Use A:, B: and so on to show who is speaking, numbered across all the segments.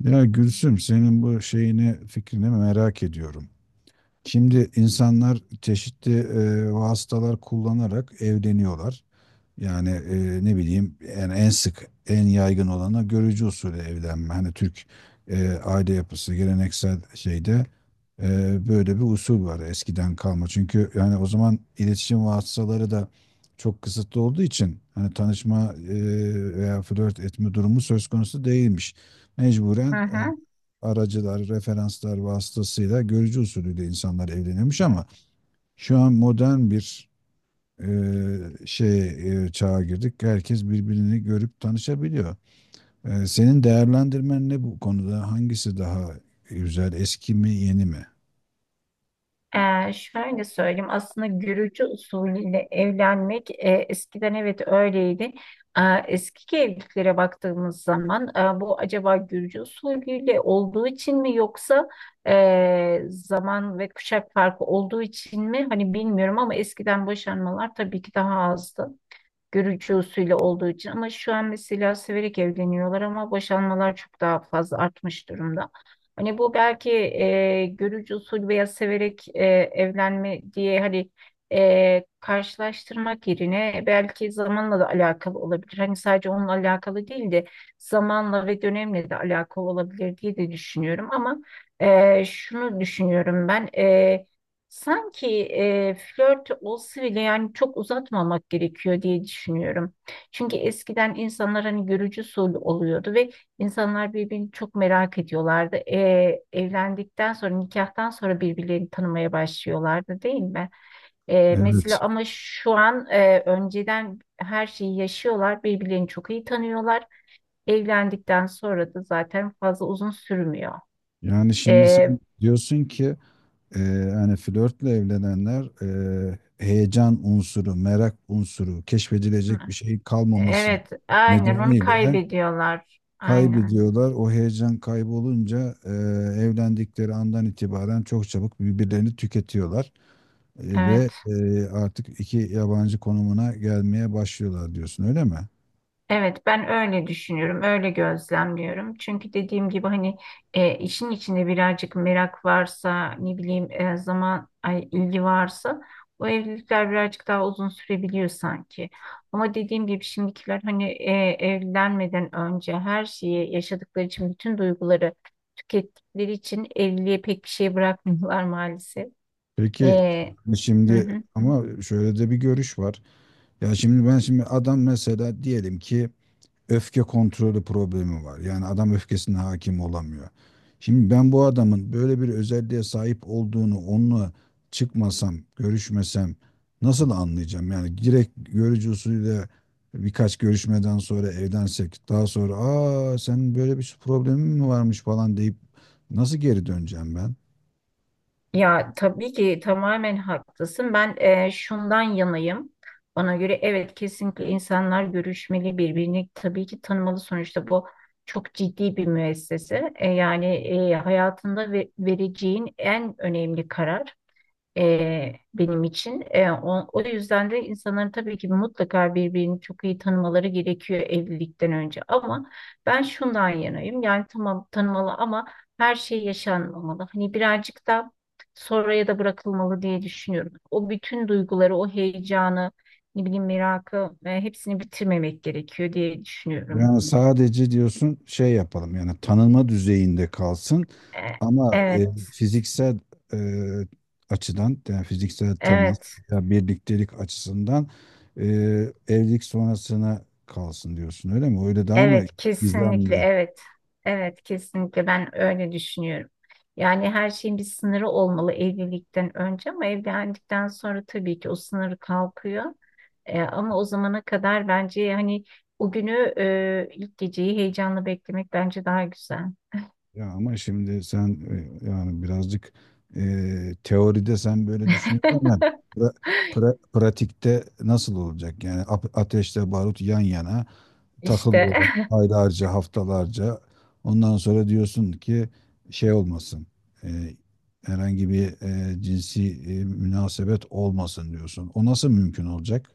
A: Ya Gülsüm, senin bu şeyini fikrini merak ediyorum. Şimdi insanlar çeşitli vasıtalar kullanarak evleniyorlar. Yani ne bileyim yani en sık en yaygın olanı görücü usulü evlenme. Hani Türk aile yapısı geleneksel şeyde, böyle bir usul var eskiden kalma. Çünkü yani o zaman iletişim vasıtaları da çok kısıtlı olduğu için hani tanışma veya flört etme durumu söz konusu değilmiş. Mecburen
B: Hı hı.
A: aracılar, referanslar vasıtasıyla görücü usulüyle insanlar evleniyormuş ama şu an modern bir e, şey çağa girdik. Herkes birbirini görüp tanışabiliyor. Senin değerlendirmen ne bu konuda? Hangisi daha güzel? Eski mi, yeni mi?
B: Şöyle söyleyeyim aslında görücü usulüyle evlenmek eskiden evet öyleydi. Ee, Eski evliliklere baktığımız zaman bu acaba görücü usulüyle olduğu için mi yoksa zaman ve kuşak farkı olduğu için mi hani bilmiyorum ama eskiden boşanmalar tabii ki daha azdı. Görücü usulü olduğu için ama şu an mesela severek evleniyorlar ama boşanmalar çok daha fazla artmış durumda. Hani bu belki görücü usulü veya severek evlenme diye hani karşılaştırmak yerine belki zamanla da alakalı olabilir. Hani sadece onunla alakalı değil de zamanla ve dönemle de alakalı olabilir diye de düşünüyorum ama şunu düşünüyorum ben. Sanki flört olsa bile yani çok uzatmamak gerekiyor diye düşünüyorum. Çünkü eskiden insanlar hani görücü usulü oluyordu ve insanlar birbirini çok merak ediyorlardı. Evlendikten sonra nikahtan sonra birbirlerini tanımaya başlıyorlardı, değil mi?
A: Evet.
B: Mesela ama şu an önceden her şeyi yaşıyorlar, birbirlerini çok iyi tanıyorlar. Evlendikten sonra da zaten fazla uzun sürmüyor.
A: Yani şimdi
B: E,
A: sen diyorsun ki e, hani flörtle evlenenler, heyecan unsuru, merak unsuru, keşfedilecek bir şey kalmaması
B: Evet, aynen onu
A: nedeniyle
B: kaybediyorlar. Aynen.
A: kaybediyorlar. O heyecan kaybolunca evlendikleri andan itibaren çok çabuk birbirlerini tüketiyorlar. Ve
B: Evet.
A: artık iki yabancı konumuna gelmeye başlıyorlar diyorsun, öyle mi?
B: Evet, ben öyle düşünüyorum, öyle gözlemliyorum. Çünkü dediğim gibi hani işin içinde birazcık merak varsa, ne bileyim zaman ay, ilgi varsa o evlilikler birazcık daha uzun sürebiliyor sanki. Ama dediğim gibi şimdikiler hani evlenmeden önce her şeyi yaşadıkları için bütün duyguları tükettikleri için evliliğe pek bir şey bırakmıyorlar maalesef.
A: Peki
B: E, hı
A: şimdi
B: hı.
A: ama şöyle de bir görüş var. Ya şimdi ben şimdi adam mesela diyelim ki öfke kontrolü problemi var. Yani adam öfkesine hakim olamıyor. Şimdi ben bu adamın böyle bir özelliğe sahip olduğunu onunla çıkmasam, görüşmesem nasıl anlayacağım? Yani direkt görücü usulüyle birkaç görüşmeden sonra evlensek daha sonra aa sen böyle bir problemin mi varmış falan deyip nasıl geri döneceğim ben?
B: Ya tabii ki tamamen haklısın. Ben şundan yanayım. Bana göre evet kesinlikle insanlar görüşmeli birbirini tabii ki tanımalı. Sonuçta bu çok ciddi bir müessese. Yani hayatında vereceğin en önemli karar benim için. O yüzden de insanların tabii ki mutlaka birbirini çok iyi tanımaları gerekiyor evlilikten önce. Ama ben şundan yanayım. Yani tamam tanımalı ama her şey yaşanmamalı. Hani birazcık da sonraya da bırakılmalı diye düşünüyorum. O bütün duyguları, o heyecanı, ne bileyim merakı hepsini bitirmemek gerekiyor diye düşünüyorum.
A: Yani sadece diyorsun şey yapalım yani tanınma düzeyinde kalsın
B: E,
A: ama
B: evet,
A: fiziksel e, açıdan yani fiziksel temas
B: evet.
A: ya birliktelik açısından e, evlilik sonrasına kalsın diyorsun, öyle mi? Öyle daha mı
B: Evet,
A: gizemli?
B: kesinlikle evet. Evet, kesinlikle ben öyle düşünüyorum. Yani her şeyin bir sınırı olmalı evlilikten önce ama evlendikten sonra tabii ki o sınır kalkıyor. Ama o zamana kadar bence hani o günü ilk geceyi heyecanla beklemek bence daha güzel.
A: Ya ama şimdi sen, yani birazcık teoride sen böyle düşünüyorsun ama pra- pratikte nasıl olacak? Yani ateşle barut yan yana.
B: İşte
A: Takılıyorlar aylarca, haftalarca. Ondan sonra diyorsun ki şey olmasın, e, herhangi bir cinsi münasebet olmasın diyorsun. O nasıl mümkün olacak?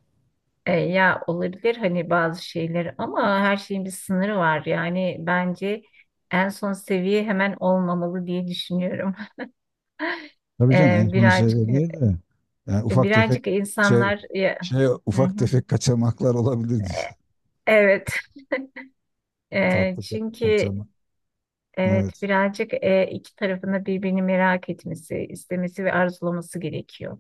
B: ya olabilir hani bazı şeyler ama her şeyin bir sınırı var. Yani bence en son seviye hemen olmamalı diye düşünüyorum.
A: Tabii canım
B: Ee,
A: en son
B: birazcık
A: seviye
B: e,
A: değil de yani ufak tefek
B: birazcık
A: şey,
B: insanlar ya, hı
A: ufak
B: hı.
A: tefek kaçamaklar olabilir
B: E-
A: diyor.
B: Evet.
A: Tatlı
B: Çünkü
A: kaçamak.
B: evet
A: Evet.
B: birazcık iki tarafında birbirini merak etmesi, istemesi ve arzulaması gerekiyor.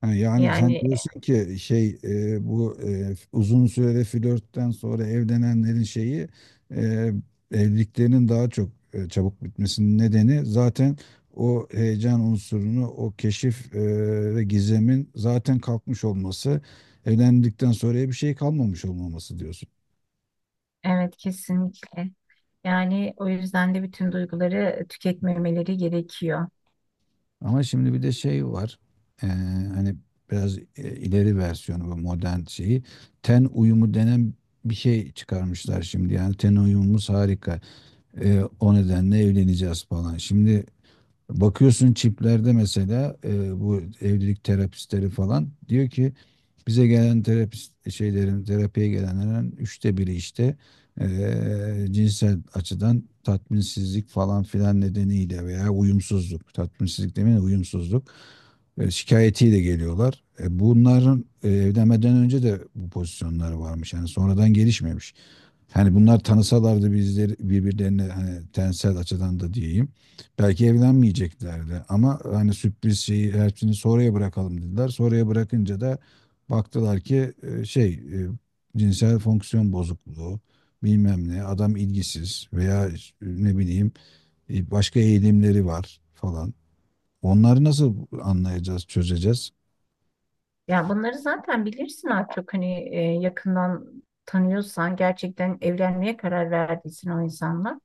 A: Ha, yani sen
B: Yani
A: diyorsun ki şey, bu uzun süreli flörtten sonra evlenenlerin şeyi, e, evliliklerinin daha çok çabuk bitmesinin nedeni zaten o heyecan unsurunu, o keşif ve gizemin zaten kalkmış olması, evlendikten sonra bir şey kalmamış olmaması diyorsun.
B: evet kesinlikle. Yani o yüzden de bütün duyguları tüketmemeleri gerekiyor.
A: Ama şimdi bir de şey var. Ee, Hani biraz ileri versiyonu bu modern şeyi. Ten uyumu denen bir şey çıkarmışlar şimdi. Yani ten uyumumuz harika. O nedenle evleneceğiz falan. Şimdi bakıyorsun çiplerde mesela bu evlilik terapistleri falan diyor ki bize gelen terapist şeylerin, terapiye gelenlerin 1/3'ü işte cinsel açıdan tatminsizlik falan filan nedeniyle veya uyumsuzluk, tatminsizlik demeyin uyumsuzluk şikayetiyle geliyorlar. Bunların evlenmeden önce de bu pozisyonları varmış. Yani sonradan gelişmemiş. Hani bunlar tanısalardı bizleri birbirlerine hani tensel açıdan da diyeyim. Belki evlenmeyeceklerdi ama hani sürpriz şeyi her şeyini sonraya bırakalım dediler. Sonraya bırakınca da baktılar ki şey, cinsel fonksiyon bozukluğu bilmem ne adam ilgisiz veya ne bileyim başka eğilimleri var falan. Onları nasıl anlayacağız, çözeceğiz?
B: Yani bunları zaten bilirsin artık hani yakından tanıyorsan gerçekten evlenmeye karar verdiysen o insanla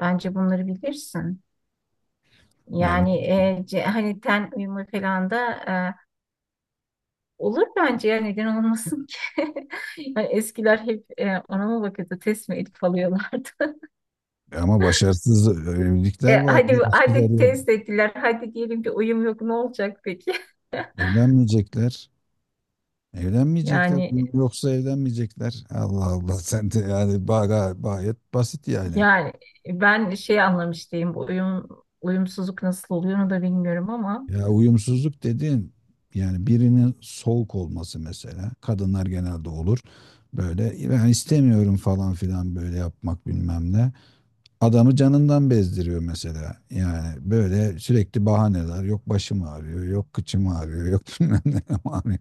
B: bence bunları bilirsin.
A: Ya,
B: Yani hani ten uyumu falan da e, olur bence ya, neden olmasın ki? Yani eskiler hep ona mı bakıyordu, test mi edip alıyorlardı?
A: ama başarısız evlilikler
B: Hadi
A: vardı. Eskiler
B: hadi
A: ya
B: test ettiler, hadi diyelim ki uyum yok, ne olacak peki?
A: evlenmeyecekler. Evlenmeyecekler.
B: Yani
A: Yoksa evlenmeyecekler. Allah Allah, sen de yani gayet basit yani.
B: yani ben şey anlamış değilim, bu uyum uyumsuzluk nasıl oluyor onu da bilmiyorum ama
A: Ya uyumsuzluk dediğin yani birinin soğuk olması mesela. Kadınlar genelde olur. Böyle ben istemiyorum falan filan böyle yapmak bilmem ne. Adamı canından bezdiriyor mesela. Yani böyle sürekli bahaneler. Yok başım ağrıyor, yok kıçım ağrıyor, yok bilmem ne ağrıyor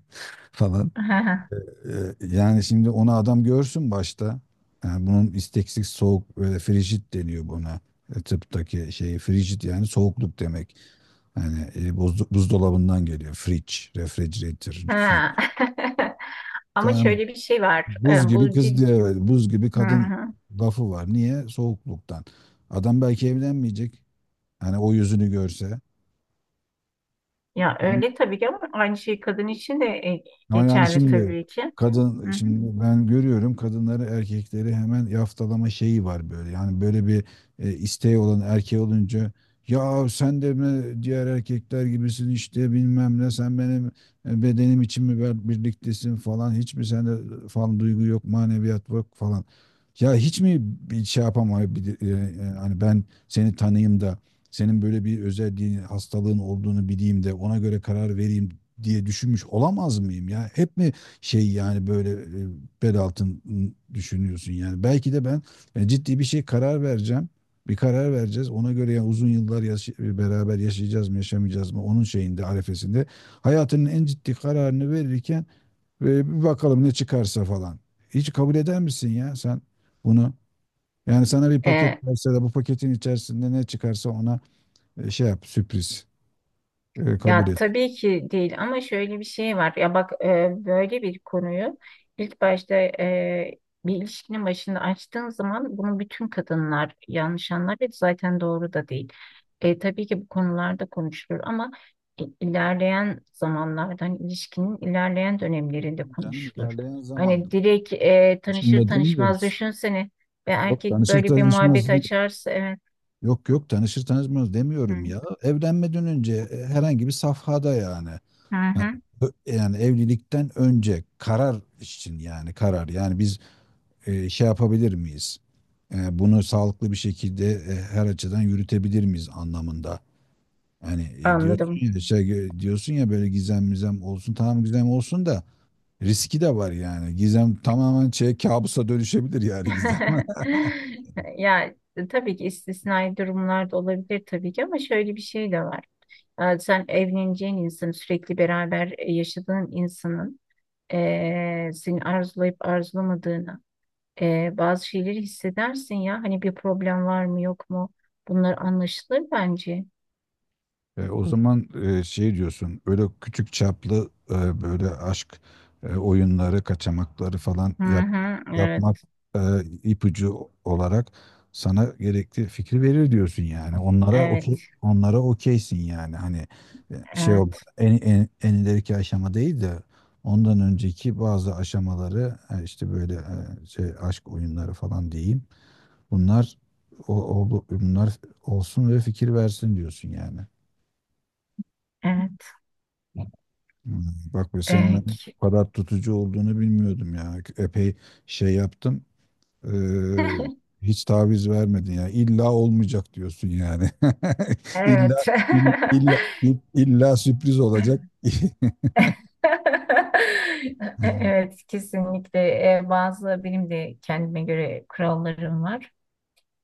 A: falan. Yani şimdi onu adam görsün başta. Yani bunun isteksiz soğuk böyle frijit deniyor buna. Tıptaki şeyi frijit yani soğukluk demek. Yani, buzdolabından geliyor. Fridge, refrigerator, fridge.
B: ha. Ama
A: Tamam.
B: şöyle bir şey var
A: Buz
B: E,
A: gibi
B: bu
A: kız
B: cid...
A: diye böyle, buz gibi
B: Hı
A: kadın
B: hı.
A: lafı var. Niye? Soğukluktan. Adam belki evlenmeyecek. Hani o yüzünü görse.
B: Ya öyle tabii ki ama aynı şey kadın için de
A: Ama yani Ülke,
B: geçerli
A: şimdi
B: tabii ki.
A: kadın,
B: Hı hı.
A: şimdi ben görüyorum kadınları erkekleri hemen yaftalama şeyi var böyle. Yani böyle bir isteği olan erkeği olunca ya sen de mi diğer erkekler gibisin işte bilmem ne sen benim bedenim için mi birliktesin falan hiç mi sende falan duygu yok maneviyat yok falan. Ya hiç mi bir şey yapamayabilir, hani ben seni tanıyayım da senin böyle bir özelliğin hastalığın olduğunu bileyim de ona göre karar vereyim diye düşünmüş olamaz mıyım ya? Hep mi şey yani böyle, bel altın düşünüyorsun yani? Belki de ben ciddi bir şey karar vereceğim. Bir karar vereceğiz. Ona göre yani uzun yıllar beraber yaşayacağız mı, yaşamayacağız mı? Onun şeyinde, arefesinde. Hayatının en ciddi kararını verirken bir bakalım ne çıkarsa falan. Hiç kabul eder misin ya sen bunu? Yani sana bir
B: E,
A: paket verse de bu paketin içerisinde ne çıkarsa ona şey yap, sürpriz. Kabul
B: Ya
A: et.
B: tabii ki değil ama şöyle bir şey var. Ya bak böyle bir konuyu ilk başta bir ilişkinin başında açtığın zaman bunu bütün kadınlar yanlış anlar ve zaten doğru da değil. Tabii ki bu konularda konuşulur ama ilerleyen zamanlarda hani ilişkinin ilerleyen dönemlerinde
A: Tamam canım,
B: konuşulur.
A: ilerleyen zamanda.
B: Hani direkt tanışır
A: Başında
B: tanışmaz
A: demiyoruz.
B: düşünsene ve
A: Yok,
B: erkek
A: tanışır
B: böyle bir
A: tanışmaz.
B: muhabbet açarsa, evet.
A: Yok yok, tanışır tanışmaz
B: Hı
A: demiyorum ya. Evlenmeden önce herhangi bir safhada yani.
B: hı.
A: Yani
B: hı.
A: yani evlilikten önce karar için yani karar. Yani biz şey yapabilir miyiz? Bunu sağlıklı bir şekilde her açıdan yürütebilir miyiz anlamında. Yani, diyorsun
B: Anladım.
A: ya şey, diyorsun ya böyle gizem mizem olsun, tamam gizem olsun da riski de var yani. Gizem tamamen şey kabusa dönüşebilir yani gizem.
B: Ya tabii ki istisnai durumlar da olabilir tabii ki ama şöyle bir şey de var. Sen evleneceğin insanın, sürekli beraber yaşadığın insanın seni arzulayıp arzulamadığını, bazı şeyleri hissedersin ya. Hani bir problem var mı yok mu? Bunlar anlaşılır bence.
A: O zaman, şey diyorsun, öyle küçük çaplı, böyle aşk oyunları, kaçamakları falan
B: Hı
A: yap,
B: hı,
A: yapmak
B: evet,
A: e, ipucu olarak sana gerekli fikri verir diyorsun yani. Onlara okey,
B: evet,
A: onlara okeysin yani. Hani şey
B: evet,
A: olmadan en ileriki aşama değil de ondan önceki bazı aşamaları, işte böyle, şey aşk oyunları falan diyeyim. Bunlar o, bunlar olsun ve fikir versin diyorsun yani.
B: evet,
A: Hmm, Bak bu senin ben
B: evet.
A: bu kadar tutucu olduğunu bilmiyordum ya. Epey şey yaptım. eee, Hiç taviz vermedin ya. İlla olmayacak diyorsun yani. İlla,
B: Evet.
A: illa illa sürpriz olacak.
B: Evet, kesinlikle. Bazı benim de kendime göre kurallarım var,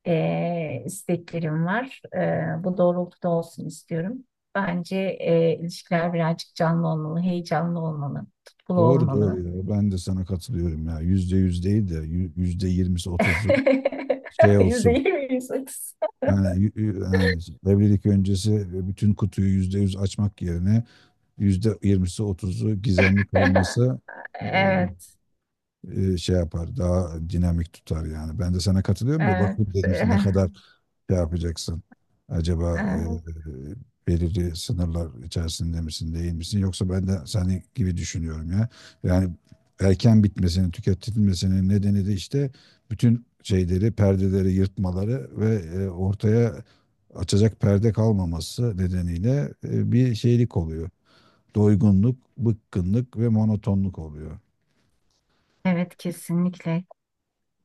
B: isteklerim var. Bu doğrultuda olsun istiyorum. Bence ilişkiler birazcık canlı olmalı, heyecanlı olmalı, tutkulu
A: Doğru doğru
B: olmalı.
A: ya. Ben de sana katılıyorum ya. %100 değil de %20'si otuzu şey
B: Yüzde
A: olsun.
B: yirmi, %30.
A: Yani, yani evlilik öncesi bütün kutuyu %100 açmak yerine %20'si otuzu gizemli kalması, e,
B: Evet,
A: şey yapar, daha dinamik tutar yani. Ben de sana katılıyorum da
B: evet,
A: bakayım dedim işte ne kadar şey yapacaksın. Acaba
B: evet,
A: belirli sınırlar içerisinde misin, değil misin? Yoksa ben de seni gibi düşünüyorum ya. Yani erken bitmesinin, tüketilmesinin nedeni de işte bütün şeyleri, perdeleri yırtmaları ve ortaya açacak perde kalmaması nedeniyle bir şeylik oluyor. Doygunluk, bıkkınlık ve monotonluk oluyor.
B: evet, kesinlikle.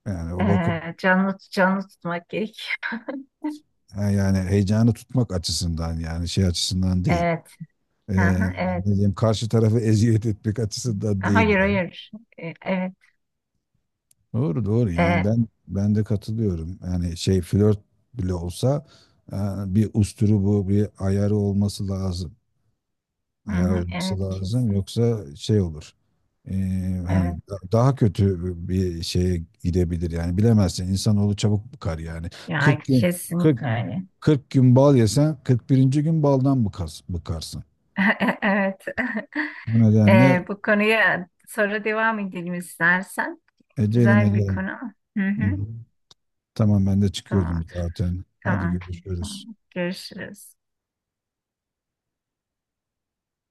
A: Yani o bakın,
B: Canlı canlı tutmak gerek.
A: yani heyecanı tutmak açısından yani şey açısından değil.
B: Evet,
A: Ee,
B: aha,
A: Ne
B: evet.
A: diyeyim karşı tarafı eziyet etmek açısından değil
B: Hayır,
A: yani.
B: hayır. Evet.
A: Doğru doğru yani
B: E,
A: ben de katılıyorum. Yani şey flört bile olsa e, bir usturu bu bir ayarı olması lazım.
B: hı
A: Ayarı
B: hı,
A: olması
B: evet.
A: lazım yoksa şey olur. Hani
B: Evet.
A: daha kötü bir şeye gidebilir yani bilemezsin insanoğlu çabuk bıkar yani.
B: Ya
A: 40 gün, 40
B: kesinlikle öyle.
A: 40 gün bal yesen, 41. gün baldan bıkarsın.
B: Evet.
A: Bu nedenle
B: Bu konuya sonra devam edelim istersen.
A: ecelim
B: Güzel bir
A: ederim.
B: konu. Hı
A: Hı
B: hı,
A: hı. Tamam ben de çıkıyordum
B: tamamdır.
A: zaten. Hadi
B: Tamam.
A: görüşürüz.
B: Tamam. Görüşürüz.